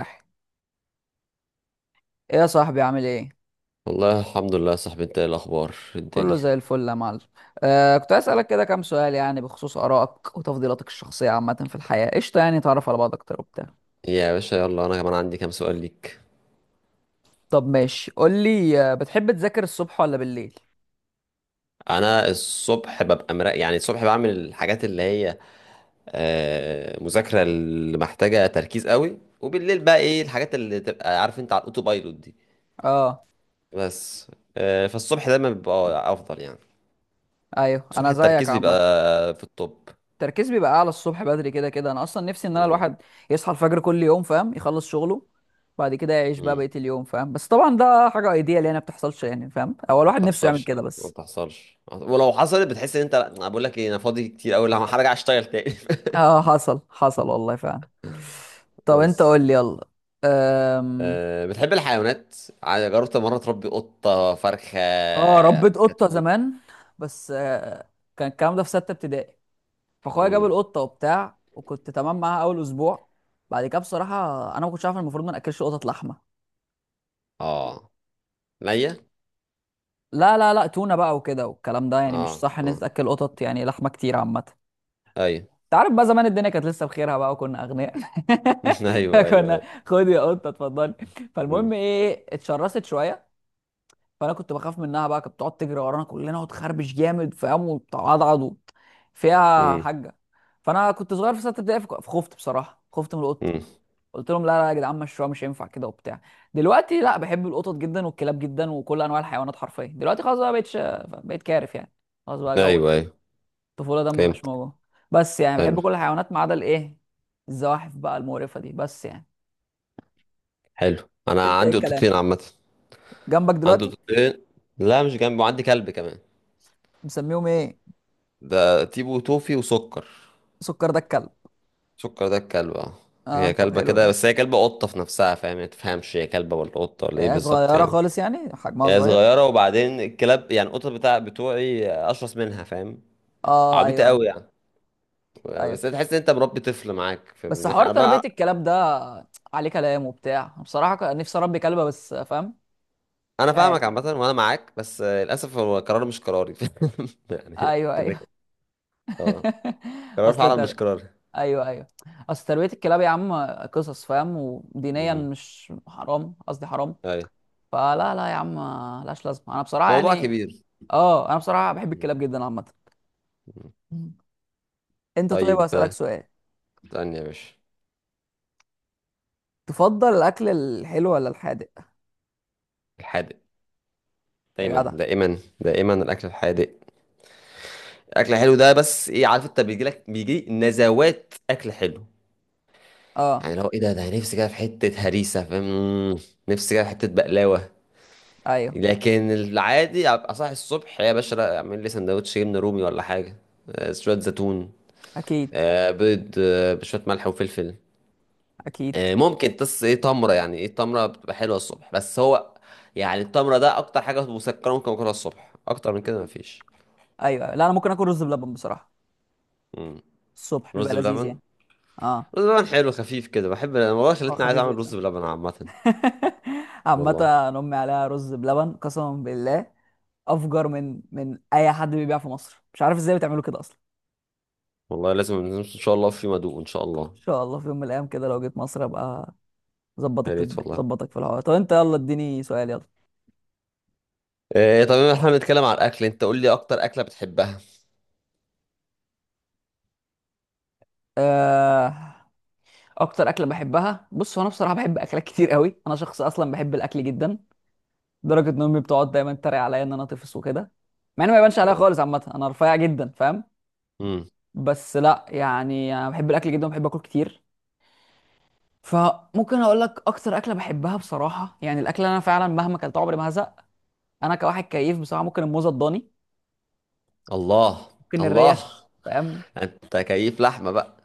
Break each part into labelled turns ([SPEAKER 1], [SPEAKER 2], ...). [SPEAKER 1] ايه؟ يا صاحبي عامل ايه؟
[SPEAKER 2] والله الحمد لله يا صاحبي، انت ايه الاخبار
[SPEAKER 1] كله
[SPEAKER 2] الدنيا؟
[SPEAKER 1] زي الفل يا معلم. كنت عايز اسالك كده كام سؤال، يعني بخصوص ارائك وتفضيلاتك الشخصيه عامه في الحياه. قشطه؟ يعني تعرف على بعض اكتر وبتاع.
[SPEAKER 2] يا باشا يلا، انا كمان عندي كام سؤال ليك.
[SPEAKER 1] طب ماشي، قول لي. بتحب تذاكر الصبح ولا بالليل؟
[SPEAKER 2] انا الصبح ببقى مرا، يعني الصبح بعمل الحاجات اللي هي مذاكره، اللي محتاجه تركيز قوي. وبالليل بقى، ايه الحاجات اللي تبقى عارف انت على الاوتو بايلوت دي.
[SPEAKER 1] اه
[SPEAKER 2] بس فالصبح دايما بيبقى افضل يعني.
[SPEAKER 1] ايوه
[SPEAKER 2] الصبح
[SPEAKER 1] انا زيك
[SPEAKER 2] التركيز بيبقى
[SPEAKER 1] عامه.
[SPEAKER 2] في التوب.
[SPEAKER 1] التركيز بيبقى اعلى الصبح بدري، كده كده انا اصلا نفسي ان انا
[SPEAKER 2] مم.
[SPEAKER 1] الواحد يصحى الفجر كل يوم، فاهم؟ يخلص شغله بعد كده يعيش بقى
[SPEAKER 2] مم.
[SPEAKER 1] بقيه اليوم، فاهم؟ بس طبعا ده حاجه ايديال يعني، ما بتحصلش، يعني فاهم هو
[SPEAKER 2] ما
[SPEAKER 1] الواحد نفسه يعمل
[SPEAKER 2] بتحصلش.
[SPEAKER 1] كده
[SPEAKER 2] ما
[SPEAKER 1] بس.
[SPEAKER 2] بتحصلش، ولو حصلت بتحس ان انت، انا بقول لك ايه، انا فاضي كتير قوي، لا هرجع اشتغل تاني.
[SPEAKER 1] اه حصل حصل والله فعلا. طب انت
[SPEAKER 2] بس.
[SPEAKER 1] قول لي، يلا. أم...
[SPEAKER 2] أه، بتحب الحيوانات؟ جربت مرة تربي قطة، فرخة،
[SPEAKER 1] اه ربيت قطة
[SPEAKER 2] كتكوت؟
[SPEAKER 1] زمان، بس كان الكلام ده في ستة ابتدائي، فاخويا جاب
[SPEAKER 2] مم.
[SPEAKER 1] القطة وبتاع وكنت تمام معاها اول اسبوع. بعد كده بصراحة انا ما كنتش عارف إن المفروض ما ناكلش قطط لحمة.
[SPEAKER 2] اه. ليا.
[SPEAKER 1] لا تونة بقى وكده، والكلام ده يعني مش
[SPEAKER 2] اه،
[SPEAKER 1] صح ان انت
[SPEAKER 2] اه،
[SPEAKER 1] تاكل قطط يعني لحمة كتير عامة.
[SPEAKER 2] ايوه.
[SPEAKER 1] انت عارف بقى زمان الدنيا كانت لسه بخيرها بقى، وكنا اغنياء.
[SPEAKER 2] ايوه، ايوه،
[SPEAKER 1] كنا
[SPEAKER 2] ايوه.
[SPEAKER 1] خد يا قطة اتفضلي.
[SPEAKER 2] مم.
[SPEAKER 1] فالمهم ايه، اتشرست شوية، فانا كنت بخاف منها بقى، كانت بتقعد تجري ورانا كلنا وتخربش جامد، فاهم؟ وتعضعض فيها
[SPEAKER 2] مم.
[SPEAKER 1] حاجه. فانا كنت صغير في سته ابتدائي، فخفت بصراحه، خفت من القطه.
[SPEAKER 2] مم.
[SPEAKER 1] قلت لهم لا لا يا جدعان، مشروع مش هينفع كده وبتاع. دلوقتي لا، بحب القطط جدا والكلاب جدا وكل انواع الحيوانات حرفيا. دلوقتي خلاص بقى، بقيتش بقيت كارف يعني. خلاص بقى جو
[SPEAKER 2] ايوه، ايوه.
[SPEAKER 1] الطفوله ده مبقاش
[SPEAKER 2] فهمت.
[SPEAKER 1] موجود. بس يعني
[SPEAKER 2] حلو.
[SPEAKER 1] بحب كل الحيوانات ما عدا الايه، الزواحف بقى المقرفه دي، بس يعني.
[SPEAKER 2] حلو، انا
[SPEAKER 1] انت ايه
[SPEAKER 2] عندي
[SPEAKER 1] الكلام؟
[SPEAKER 2] قطتين عامة.
[SPEAKER 1] جنبك
[SPEAKER 2] عندي
[SPEAKER 1] دلوقتي؟
[SPEAKER 2] قطتين. لا مش جنبي، وعندي كلب كمان.
[SPEAKER 1] مسميهم ايه؟
[SPEAKER 2] ده تيبو، توفي، وسكر.
[SPEAKER 1] سكر ده الكلب؟
[SPEAKER 2] سكر ده الكلب، اه.
[SPEAKER 1] اه
[SPEAKER 2] هي
[SPEAKER 1] طب
[SPEAKER 2] كلبة
[SPEAKER 1] حلو
[SPEAKER 2] كده،
[SPEAKER 1] ده.
[SPEAKER 2] بس هي كلبة قطة في نفسها، فاهم يعني؟ ما تفهمش هي كلبة ولا قطة ولا ايه بالظبط
[SPEAKER 1] صغيرة
[SPEAKER 2] يعني.
[SPEAKER 1] خالص يعني، حجمها
[SPEAKER 2] هي
[SPEAKER 1] صغير؟
[SPEAKER 2] صغيرة، وبعدين الكلاب، يعني القطط بتاع بتوعي أشرس منها، فاهم؟
[SPEAKER 1] اه
[SPEAKER 2] عبيطة
[SPEAKER 1] ايوه ايوه
[SPEAKER 2] قوي يعني.
[SPEAKER 1] ايوه.
[SPEAKER 2] بس تحس إن أنت مربي طفل معاك، في من
[SPEAKER 1] بس
[SPEAKER 2] ناحية
[SPEAKER 1] حوار
[SPEAKER 2] أنا
[SPEAKER 1] تربية
[SPEAKER 2] بقى.
[SPEAKER 1] الكلاب ده عليه كلام وبتاع، أنا بصراحة كان نفسي اربي كلبة بس، فاهم؟
[SPEAKER 2] أنا
[SPEAKER 1] مش
[SPEAKER 2] فاهمك
[SPEAKER 1] عارف
[SPEAKER 2] عامة،
[SPEAKER 1] يعني.
[SPEAKER 2] وأنا معاك، بس للأسف هو قرار مش قراري. يعني
[SPEAKER 1] ايوه
[SPEAKER 2] كده
[SPEAKER 1] ايوه.
[SPEAKER 2] كده. أه، قرار
[SPEAKER 1] اصل
[SPEAKER 2] فعلا
[SPEAKER 1] تر...
[SPEAKER 2] مش قراري.
[SPEAKER 1] ايوه ايوه. اصل تربية الكلاب يا عم قصص، فاهم؟ ودينيا
[SPEAKER 2] أمم.
[SPEAKER 1] مش حرام، قصدي حرام.
[SPEAKER 2] أيوة.
[SPEAKER 1] فلا لا يا عم، لاش لازمة، انا بصراحة
[SPEAKER 2] موضوع
[SPEAKER 1] يعني.
[SPEAKER 2] كبير.
[SPEAKER 1] اه انا بصراحة بحب
[SPEAKER 2] أمم.
[SPEAKER 1] الكلاب جدا عامة. مم. انت طيب،
[SPEAKER 2] طيب،
[SPEAKER 1] اسألك سؤال؟
[SPEAKER 2] استني يا باشا.
[SPEAKER 1] تفضل الاكل الحلو ولا الحادق؟
[SPEAKER 2] الحادق.
[SPEAKER 1] يا
[SPEAKER 2] دايما،
[SPEAKER 1] جدع.
[SPEAKER 2] دائما، دائما الأكل الحادق. الأكل الحلو ده بس إيه، عارف أنت، بيجي لك بيجي نزوات أكل حلو.
[SPEAKER 1] اه
[SPEAKER 2] يعني لو ايه، ده نفسي كده في حتة هريسة، فاهم؟ نفسي كده في حتة بقلاوة.
[SPEAKER 1] ايوه
[SPEAKER 2] لكن العادي ابقى صاحي الصبح يا باشا، لا، اعمل لي سندوتش جبنة رومي ولا حاجة، شوية زيتون،
[SPEAKER 1] اكيد.
[SPEAKER 2] بيض، بشوية ملح وفلفل.
[SPEAKER 1] اكيد
[SPEAKER 2] ممكن تص ايه تمرة. يعني ايه، تمرة بتبقى حلوة الصبح. بس هو يعني التمرة ده اكتر حاجة مسكرة ممكن اكلها الصبح. اكتر من كده مفيش.
[SPEAKER 1] ايوه أيوة. لا انا ممكن اكل رز بلبن بصراحه،
[SPEAKER 2] مم.
[SPEAKER 1] الصبح بيبقى
[SPEAKER 2] رز
[SPEAKER 1] لذيذ يعني.
[SPEAKER 2] بلبن.
[SPEAKER 1] اه
[SPEAKER 2] رز بلبن حلو خفيف كده، بحب انا والله،
[SPEAKER 1] هو
[SPEAKER 2] خلتني عايز
[SPEAKER 1] خفيف
[SPEAKER 2] اعمل
[SPEAKER 1] جدا.
[SPEAKER 2] رز بلبن عامة.
[SPEAKER 1] عامه
[SPEAKER 2] والله.
[SPEAKER 1] أنا امي عليها رز بلبن قسما بالله افجر من اي حد بيبيع في مصر، مش عارف ازاي بتعملوا كده اصلا.
[SPEAKER 2] والله لازم ان شاء الله، في مدوق ان شاء الله.
[SPEAKER 1] ان شاء الله في يوم من الايام كده لو جيت مصر ابقى
[SPEAKER 2] يا
[SPEAKER 1] ظبطك،
[SPEAKER 2] ريت والله.
[SPEAKER 1] ظبطك في الحوار. طب انت يلا اديني سؤال، يلا.
[SPEAKER 2] إيه، طب احنا بنتكلم على الاكل، انت قول لي اكتر اكله بتحبها.
[SPEAKER 1] آه، اكتر اكله بحبها؟ بص، هو انا بصراحه بحب اكلات كتير قوي، انا شخص اصلا بحب الاكل جدا، لدرجه ان امي بتقعد دايما تتريق عليا ان انا طفل وكده، مع انه ما يبانش عليا
[SPEAKER 2] اه.
[SPEAKER 1] خالص عامه، انا رفيع جدا فاهم.
[SPEAKER 2] امم.
[SPEAKER 1] بس لا يعني، انا بحب الاكل جدا وبحب اكل كتير. فممكن اقول لك اكتر اكله بحبها بصراحه، يعني الاكل اللي انا فعلا مهما اكلته عمري ما هزق، انا كواحد كيف بصراحه، ممكن الموزه الضاني،
[SPEAKER 2] الله.
[SPEAKER 1] ممكن
[SPEAKER 2] الله.
[SPEAKER 1] الريش فاهم.
[SPEAKER 2] انت كيف لحمه بقى.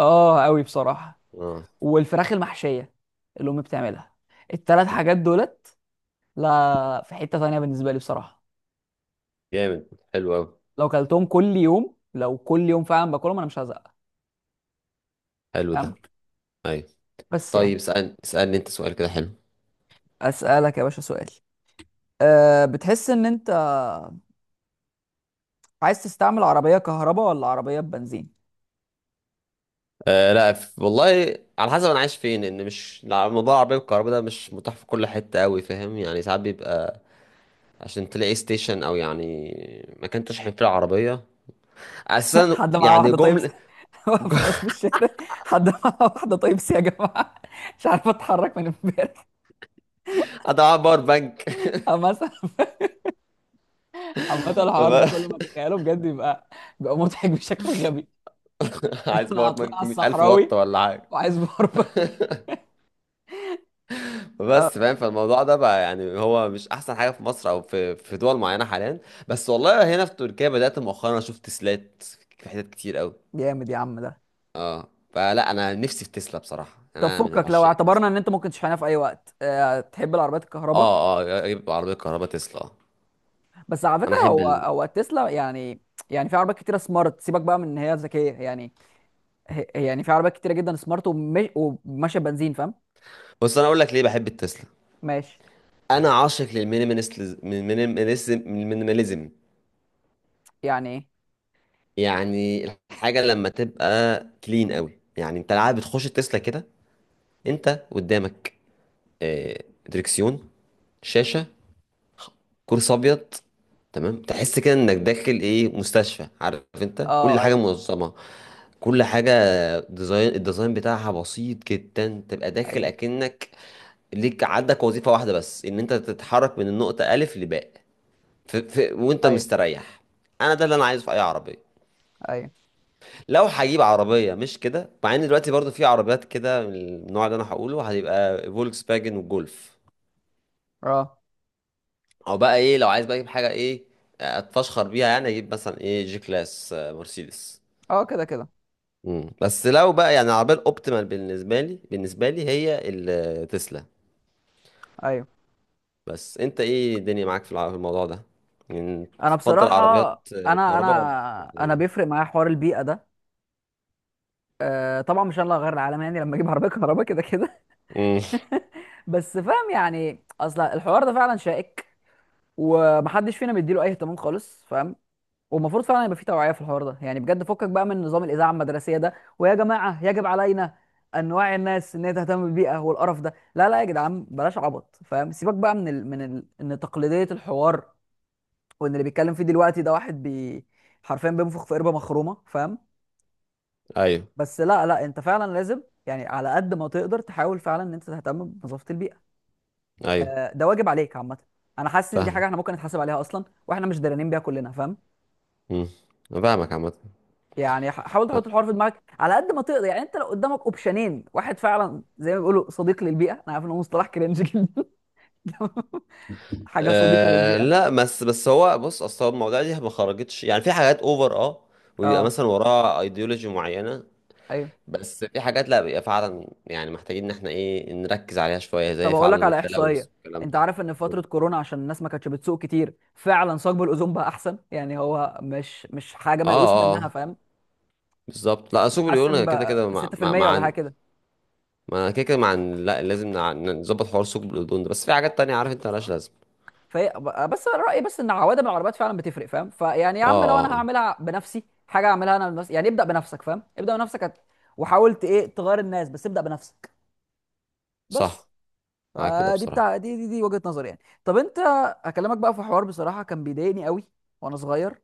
[SPEAKER 1] اه قوي بصراحه.
[SPEAKER 2] اه.
[SPEAKER 1] والفراخ المحشيه اللي امي بتعملها. التلات حاجات دولت لا في حته تانيه بالنسبه لي بصراحه.
[SPEAKER 2] جامد. حلو قوي.
[SPEAKER 1] لو كلتهم كل يوم، لو كل يوم فعلا باكلهم انا مش هزق،
[SPEAKER 2] حلو ده.
[SPEAKER 1] فاهم؟
[SPEAKER 2] ايوه.
[SPEAKER 1] بس
[SPEAKER 2] طيب،
[SPEAKER 1] يعني.
[SPEAKER 2] اسالني، اسالني انت سؤال كده حلو.
[SPEAKER 1] اسالك يا باشا سؤال. أه بتحس ان انت عايز تستعمل عربيه كهرباء ولا عربيه بنزين؟
[SPEAKER 2] آه، لا والله على حسب انا عايش فين. ان مش، لا، موضوع العربيه الكهرباء ده مش متاح في كل حته قوي، فاهم؟ يعني ساعات بيبقى، عشان تلاقي ستيشن او يعني مكان تشحن فيه العربيه اساسا،
[SPEAKER 1] حد معاه
[SPEAKER 2] يعني
[SPEAKER 1] واحده طيب؟
[SPEAKER 2] جمله.
[SPEAKER 1] واقف الناس في الشارع، حد معاه واحده طيب يا جماعه؟ مش عارف اتحرك من امبارح.
[SPEAKER 2] اضيع باور بانك.
[SPEAKER 1] مثلا. عامة الحوار ده كل ما تخيله بجد يبقى، بيبقى مضحك بشكل غبي.
[SPEAKER 2] عايز
[SPEAKER 1] انا
[SPEAKER 2] باور
[SPEAKER 1] عطلان على
[SPEAKER 2] بانك 100,000 واط
[SPEAKER 1] الصحراوي
[SPEAKER 2] ولا حاجة.
[SPEAKER 1] وعايز باربك.
[SPEAKER 2] بس
[SPEAKER 1] اه
[SPEAKER 2] فاهم، فالموضوع ده بقى يعني هو مش احسن حاجه في مصر او في دول معينه حاليا. بس والله هنا في تركيا بدات مؤخرا اشوف تسلات في حتت كتير قوي،
[SPEAKER 1] جامد يا عم ده.
[SPEAKER 2] اه. فلا، انا نفسي في تسلا بصراحه،
[SPEAKER 1] طب
[SPEAKER 2] انا من
[SPEAKER 1] فكك، لو
[SPEAKER 2] عشاق
[SPEAKER 1] اعتبرنا
[SPEAKER 2] التسلا.
[SPEAKER 1] ان انت ممكن تشحنها في اي وقت، أه تحب العربيات الكهرباء؟
[SPEAKER 2] اه، اه، يبقى عربيه كهرباء تسلا، اه.
[SPEAKER 1] بس على
[SPEAKER 2] انا
[SPEAKER 1] فكره،
[SPEAKER 2] احب
[SPEAKER 1] هو
[SPEAKER 2] ال...
[SPEAKER 1] هو تسلا يعني، يعني في عربيات كتيره سمارت، سيبك بقى من ان هي ذكيه يعني. يعني في عربيات كتيره جدا سمارت وماشيه بنزين فاهم.
[SPEAKER 2] بص انا اقول لك ليه بحب التسلا.
[SPEAKER 1] ماشي.
[SPEAKER 2] انا عاشق للمينيماليزم. المينيماليزم
[SPEAKER 1] يعني ايه؟
[SPEAKER 2] يعني الحاجه لما تبقى كلين قوي، يعني انت العادة بتخش التسلا كده، انت قدامك آه، دريكسيون، شاشة، كرسي ابيض، تمام. تحس كده انك داخل ايه، مستشفى. عارف انت، كل
[SPEAKER 1] اه
[SPEAKER 2] حاجه
[SPEAKER 1] ايوه
[SPEAKER 2] منظمه، كل حاجه، ديزاين، الديزاين بتاعها بسيط جدا. تبقى داخل
[SPEAKER 1] ايوه
[SPEAKER 2] اكنك ليك، عندك وظيفه واحده بس، ان انت تتحرك من النقطه الف لباء. وانت
[SPEAKER 1] ايوه.
[SPEAKER 2] مستريح. انا ده اللي انا عايزه في اي عربيه.
[SPEAKER 1] ايوه.
[SPEAKER 2] لو هجيب عربيه مش كده، مع ان دلوقتي برضو في عربيات كده من النوع اللي انا هقوله، هتبقى فولكس فاجن وجولف.
[SPEAKER 1] اه
[SPEAKER 2] او بقى ايه، لو عايز بقى اجيب حاجه ايه، اتفشخر بيها، يعني اجيب مثلا ايه، جي كلاس، مرسيدس.
[SPEAKER 1] اه. كده كده.
[SPEAKER 2] مم. بس لو بقى يعني العربيه الاوبتيمال بالنسبه لي، بالنسبه لي هي التسلا.
[SPEAKER 1] ايوه
[SPEAKER 2] بس انت ايه الدنيا معاك في الموضوع ده؟ يعني
[SPEAKER 1] انا
[SPEAKER 2] تفضل عربيات
[SPEAKER 1] بصراحه انا
[SPEAKER 2] كهرباء ولا
[SPEAKER 1] انا انا
[SPEAKER 2] بتاعية؟
[SPEAKER 1] بيفرق معايا حوار البيئه ده. طبعا مش انا اللي هغير العالم يعني لما اجيب عربيه كهرباء كده كده.
[SPEAKER 2] امم.
[SPEAKER 1] بس فاهم يعني، اصل الحوار ده فعلا شائك ومحدش فينا بيديله اي اهتمام خالص، فاهم؟ والمفروض فعلا يبقى في توعيه في الحوار ده يعني بجد، فكك بقى من نظام الاذاعه المدرسيه ده، ويا جماعه يجب علينا ان نوعي الناس ان هي تهتم بالبيئه والقرف ده. لا لا يا جدعان بلاش عبط فاهم، سيبك بقى ان تقليديه الحوار، وان اللي بيتكلم فيه دلوقتي ده واحد حرفيا بينفخ في قربه مخرومه، فاهم؟
[SPEAKER 2] ايوه.
[SPEAKER 1] بس لا لا، انت فعلا لازم يعني على قد ما تقدر تحاول فعلا ان انت تهتم بنظافه البيئه.
[SPEAKER 2] ايوه.
[SPEAKER 1] ده واجب عليك عامه. انا حاسس ان دي حاجه
[SPEAKER 2] فاهمك.
[SPEAKER 1] احنا ممكن نتحاسب عليها اصلا واحنا مش دارانين بيها كلنا، فاهم؟
[SPEAKER 2] امم. أنا فاهمك عامه.
[SPEAKER 1] يعني حاول
[SPEAKER 2] أه.
[SPEAKER 1] تحط الحوار في دماغك على قد ما تقدر، يعني انت لو قدامك اوبشنين واحد فعلا زي ما بيقولوا صديق للبيئه، انا عارف ان هو مصطلح كرنج جدا. حاجه صديقه
[SPEAKER 2] أه
[SPEAKER 1] للبيئه.
[SPEAKER 2] لا، بس هو بص، اصل هو المواضيع دي ما خرجتش، يعني في حاجات اوفر، اه، ويبقى
[SPEAKER 1] اه
[SPEAKER 2] مثلا وراها ايديولوجي معينه.
[SPEAKER 1] ايوه.
[SPEAKER 2] بس في حاجات لا، بيبقى فعلا يعني محتاجين ان احنا ايه، نركز عليها شوية،
[SPEAKER 1] طب
[SPEAKER 2] زي
[SPEAKER 1] اقول لك
[SPEAKER 2] فعلا
[SPEAKER 1] على
[SPEAKER 2] التلوث
[SPEAKER 1] احصائيه،
[SPEAKER 2] والكلام
[SPEAKER 1] انت
[SPEAKER 2] ده.
[SPEAKER 1] عارف ان في
[SPEAKER 2] اه.
[SPEAKER 1] فتره كورونا عشان الناس ما كانتش بتسوق كتير فعلا ثقب الاوزون بقى احسن، يعني هو مش حاجه
[SPEAKER 2] اه.
[SPEAKER 1] ميؤوس منها فاهم.
[SPEAKER 2] بالظبط. لا، ثقب اليون
[SPEAKER 1] اتحسن
[SPEAKER 2] أنا كده كده
[SPEAKER 1] بقى
[SPEAKER 2] مع مع
[SPEAKER 1] 6%
[SPEAKER 2] مع
[SPEAKER 1] ولا حاجه كده.
[SPEAKER 2] ما أنا كده كده مع لا، لازم نظبط حوار ثقب الأوزون ده، بس في حاجات تانية عارف انت مالهاش لازمة.
[SPEAKER 1] فهي، بس أنا رايي بس ان عوادم العربيات فعلا بتفرق فاهم، فيعني يا
[SPEAKER 2] اه.
[SPEAKER 1] عم، لو
[SPEAKER 2] اه.
[SPEAKER 1] انا هعملها بنفسي حاجه اعملها انا بنفسي، يعني ابدا بنفسك فاهم، ابدا بنفسك، وحاولت ايه تغير الناس، بس ابدا بنفسك. بس.
[SPEAKER 2] صح. معاك كده
[SPEAKER 1] فدي
[SPEAKER 2] بصراحة.
[SPEAKER 1] بتاع دي دي, دي وجهه نظري يعني. طب انت، هكلمك بقى في حوار بصراحه كان بيضايقني قوي وانا صغير،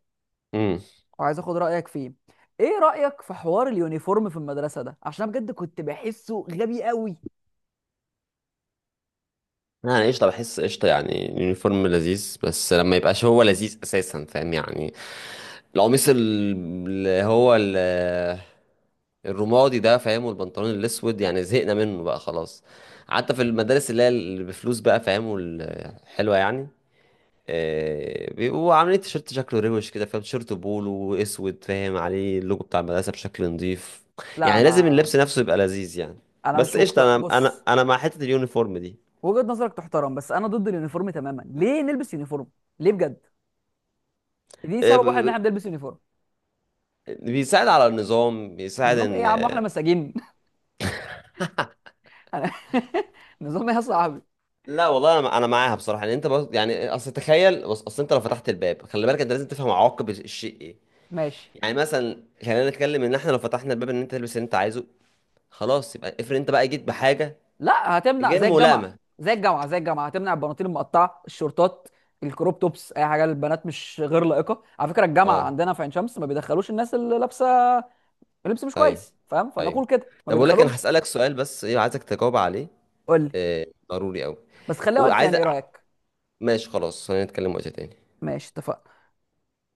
[SPEAKER 2] امم.
[SPEAKER 1] وعايز اخد رايك فيه. ايه رايك في حوار اليونيفورم في المدرسه ده؟ عشان أنا بجد كنت بحسه غبي قوي.
[SPEAKER 2] يعني قشطة، بحس قشطة، يعني اليونيفورم لذيذ، بس لما يبقاش هو لذيذ اساسا، فاهم يعني؟ القميص اللي هو ال- الرمادي ده، فاهم، والبنطلون الاسود، يعني زهقنا منه بقى خلاص. حتى في المدارس اللي هي اللي بفلوس بقى فاهم، والحلوه يعني بيبقوا عاملين تيشيرت شكله روش كده، فاهم، تيشيرت بولو اسود، فاهم، عليه اللوجو بتاع المدرسه بشكل نظيف.
[SPEAKER 1] لا
[SPEAKER 2] يعني لازم
[SPEAKER 1] انا
[SPEAKER 2] اللبس نفسه يبقى لذيذ يعني.
[SPEAKER 1] انا
[SPEAKER 2] بس
[SPEAKER 1] مش
[SPEAKER 2] قشطه،
[SPEAKER 1] مقتنع
[SPEAKER 2] انا
[SPEAKER 1] بص،
[SPEAKER 2] مع حته اليونيفورم دي.
[SPEAKER 1] وجهه نظرك تحترم، بس انا ضد اليونيفورم تماما. ليه نلبس يونيفورم؟ ليه بجد؟ دي
[SPEAKER 2] آه، ب-
[SPEAKER 1] سبب واحد ان
[SPEAKER 2] ب-
[SPEAKER 1] احنا بنلبس يونيفورم؟
[SPEAKER 2] بيساعد على النظام، بيساعد
[SPEAKER 1] نظام ايه يا
[SPEAKER 2] ان،
[SPEAKER 1] عم واحنا مساجين؟ أنا- نظام ايه يا صاحبي؟
[SPEAKER 2] لا والله انا معاها بصراحه. يعني انت بص، يعني اصل تخيل، بص اصل انت لو فتحت الباب، خلي بالك انت لازم تفهم عواقب الشيء إيه.
[SPEAKER 1] ماشي.
[SPEAKER 2] يعني مثلا خلينا نتكلم، ان احنا لو فتحنا الباب ان انت تلبس اللي انت عايزه، خلاص، يبقى افرض انت بقى جيت بحاجه
[SPEAKER 1] لا هتمنع،
[SPEAKER 2] غير
[SPEAKER 1] زي الجامعه،
[SPEAKER 2] ملائمه.
[SPEAKER 1] زي الجامعه هتمنع البناطيل المقطعه، الشورتات، الكروب توبس، اي حاجه للبنات مش غير لائقه. على فكره الجامعه
[SPEAKER 2] اه.
[SPEAKER 1] عندنا في عين شمس ما بيدخلوش الناس اللي لابسه لبس مش
[SPEAKER 2] ايوه.
[SPEAKER 1] كويس، فاهم؟
[SPEAKER 2] ايوه.
[SPEAKER 1] فنقول كده، ما
[SPEAKER 2] طب اقول لك، انا
[SPEAKER 1] بيدخلوهمش.
[SPEAKER 2] هسالك سؤال بس، ايه، عايزك تجاوب عليه،
[SPEAKER 1] قول لي.
[SPEAKER 2] آه، ضروري قوي،
[SPEAKER 1] بس خليها وقت
[SPEAKER 2] وعايز.
[SPEAKER 1] تاني، ايه رايك؟
[SPEAKER 2] ماشي خلاص، خلينا نتكلم وقت تاني.
[SPEAKER 1] ماشي اتفقنا.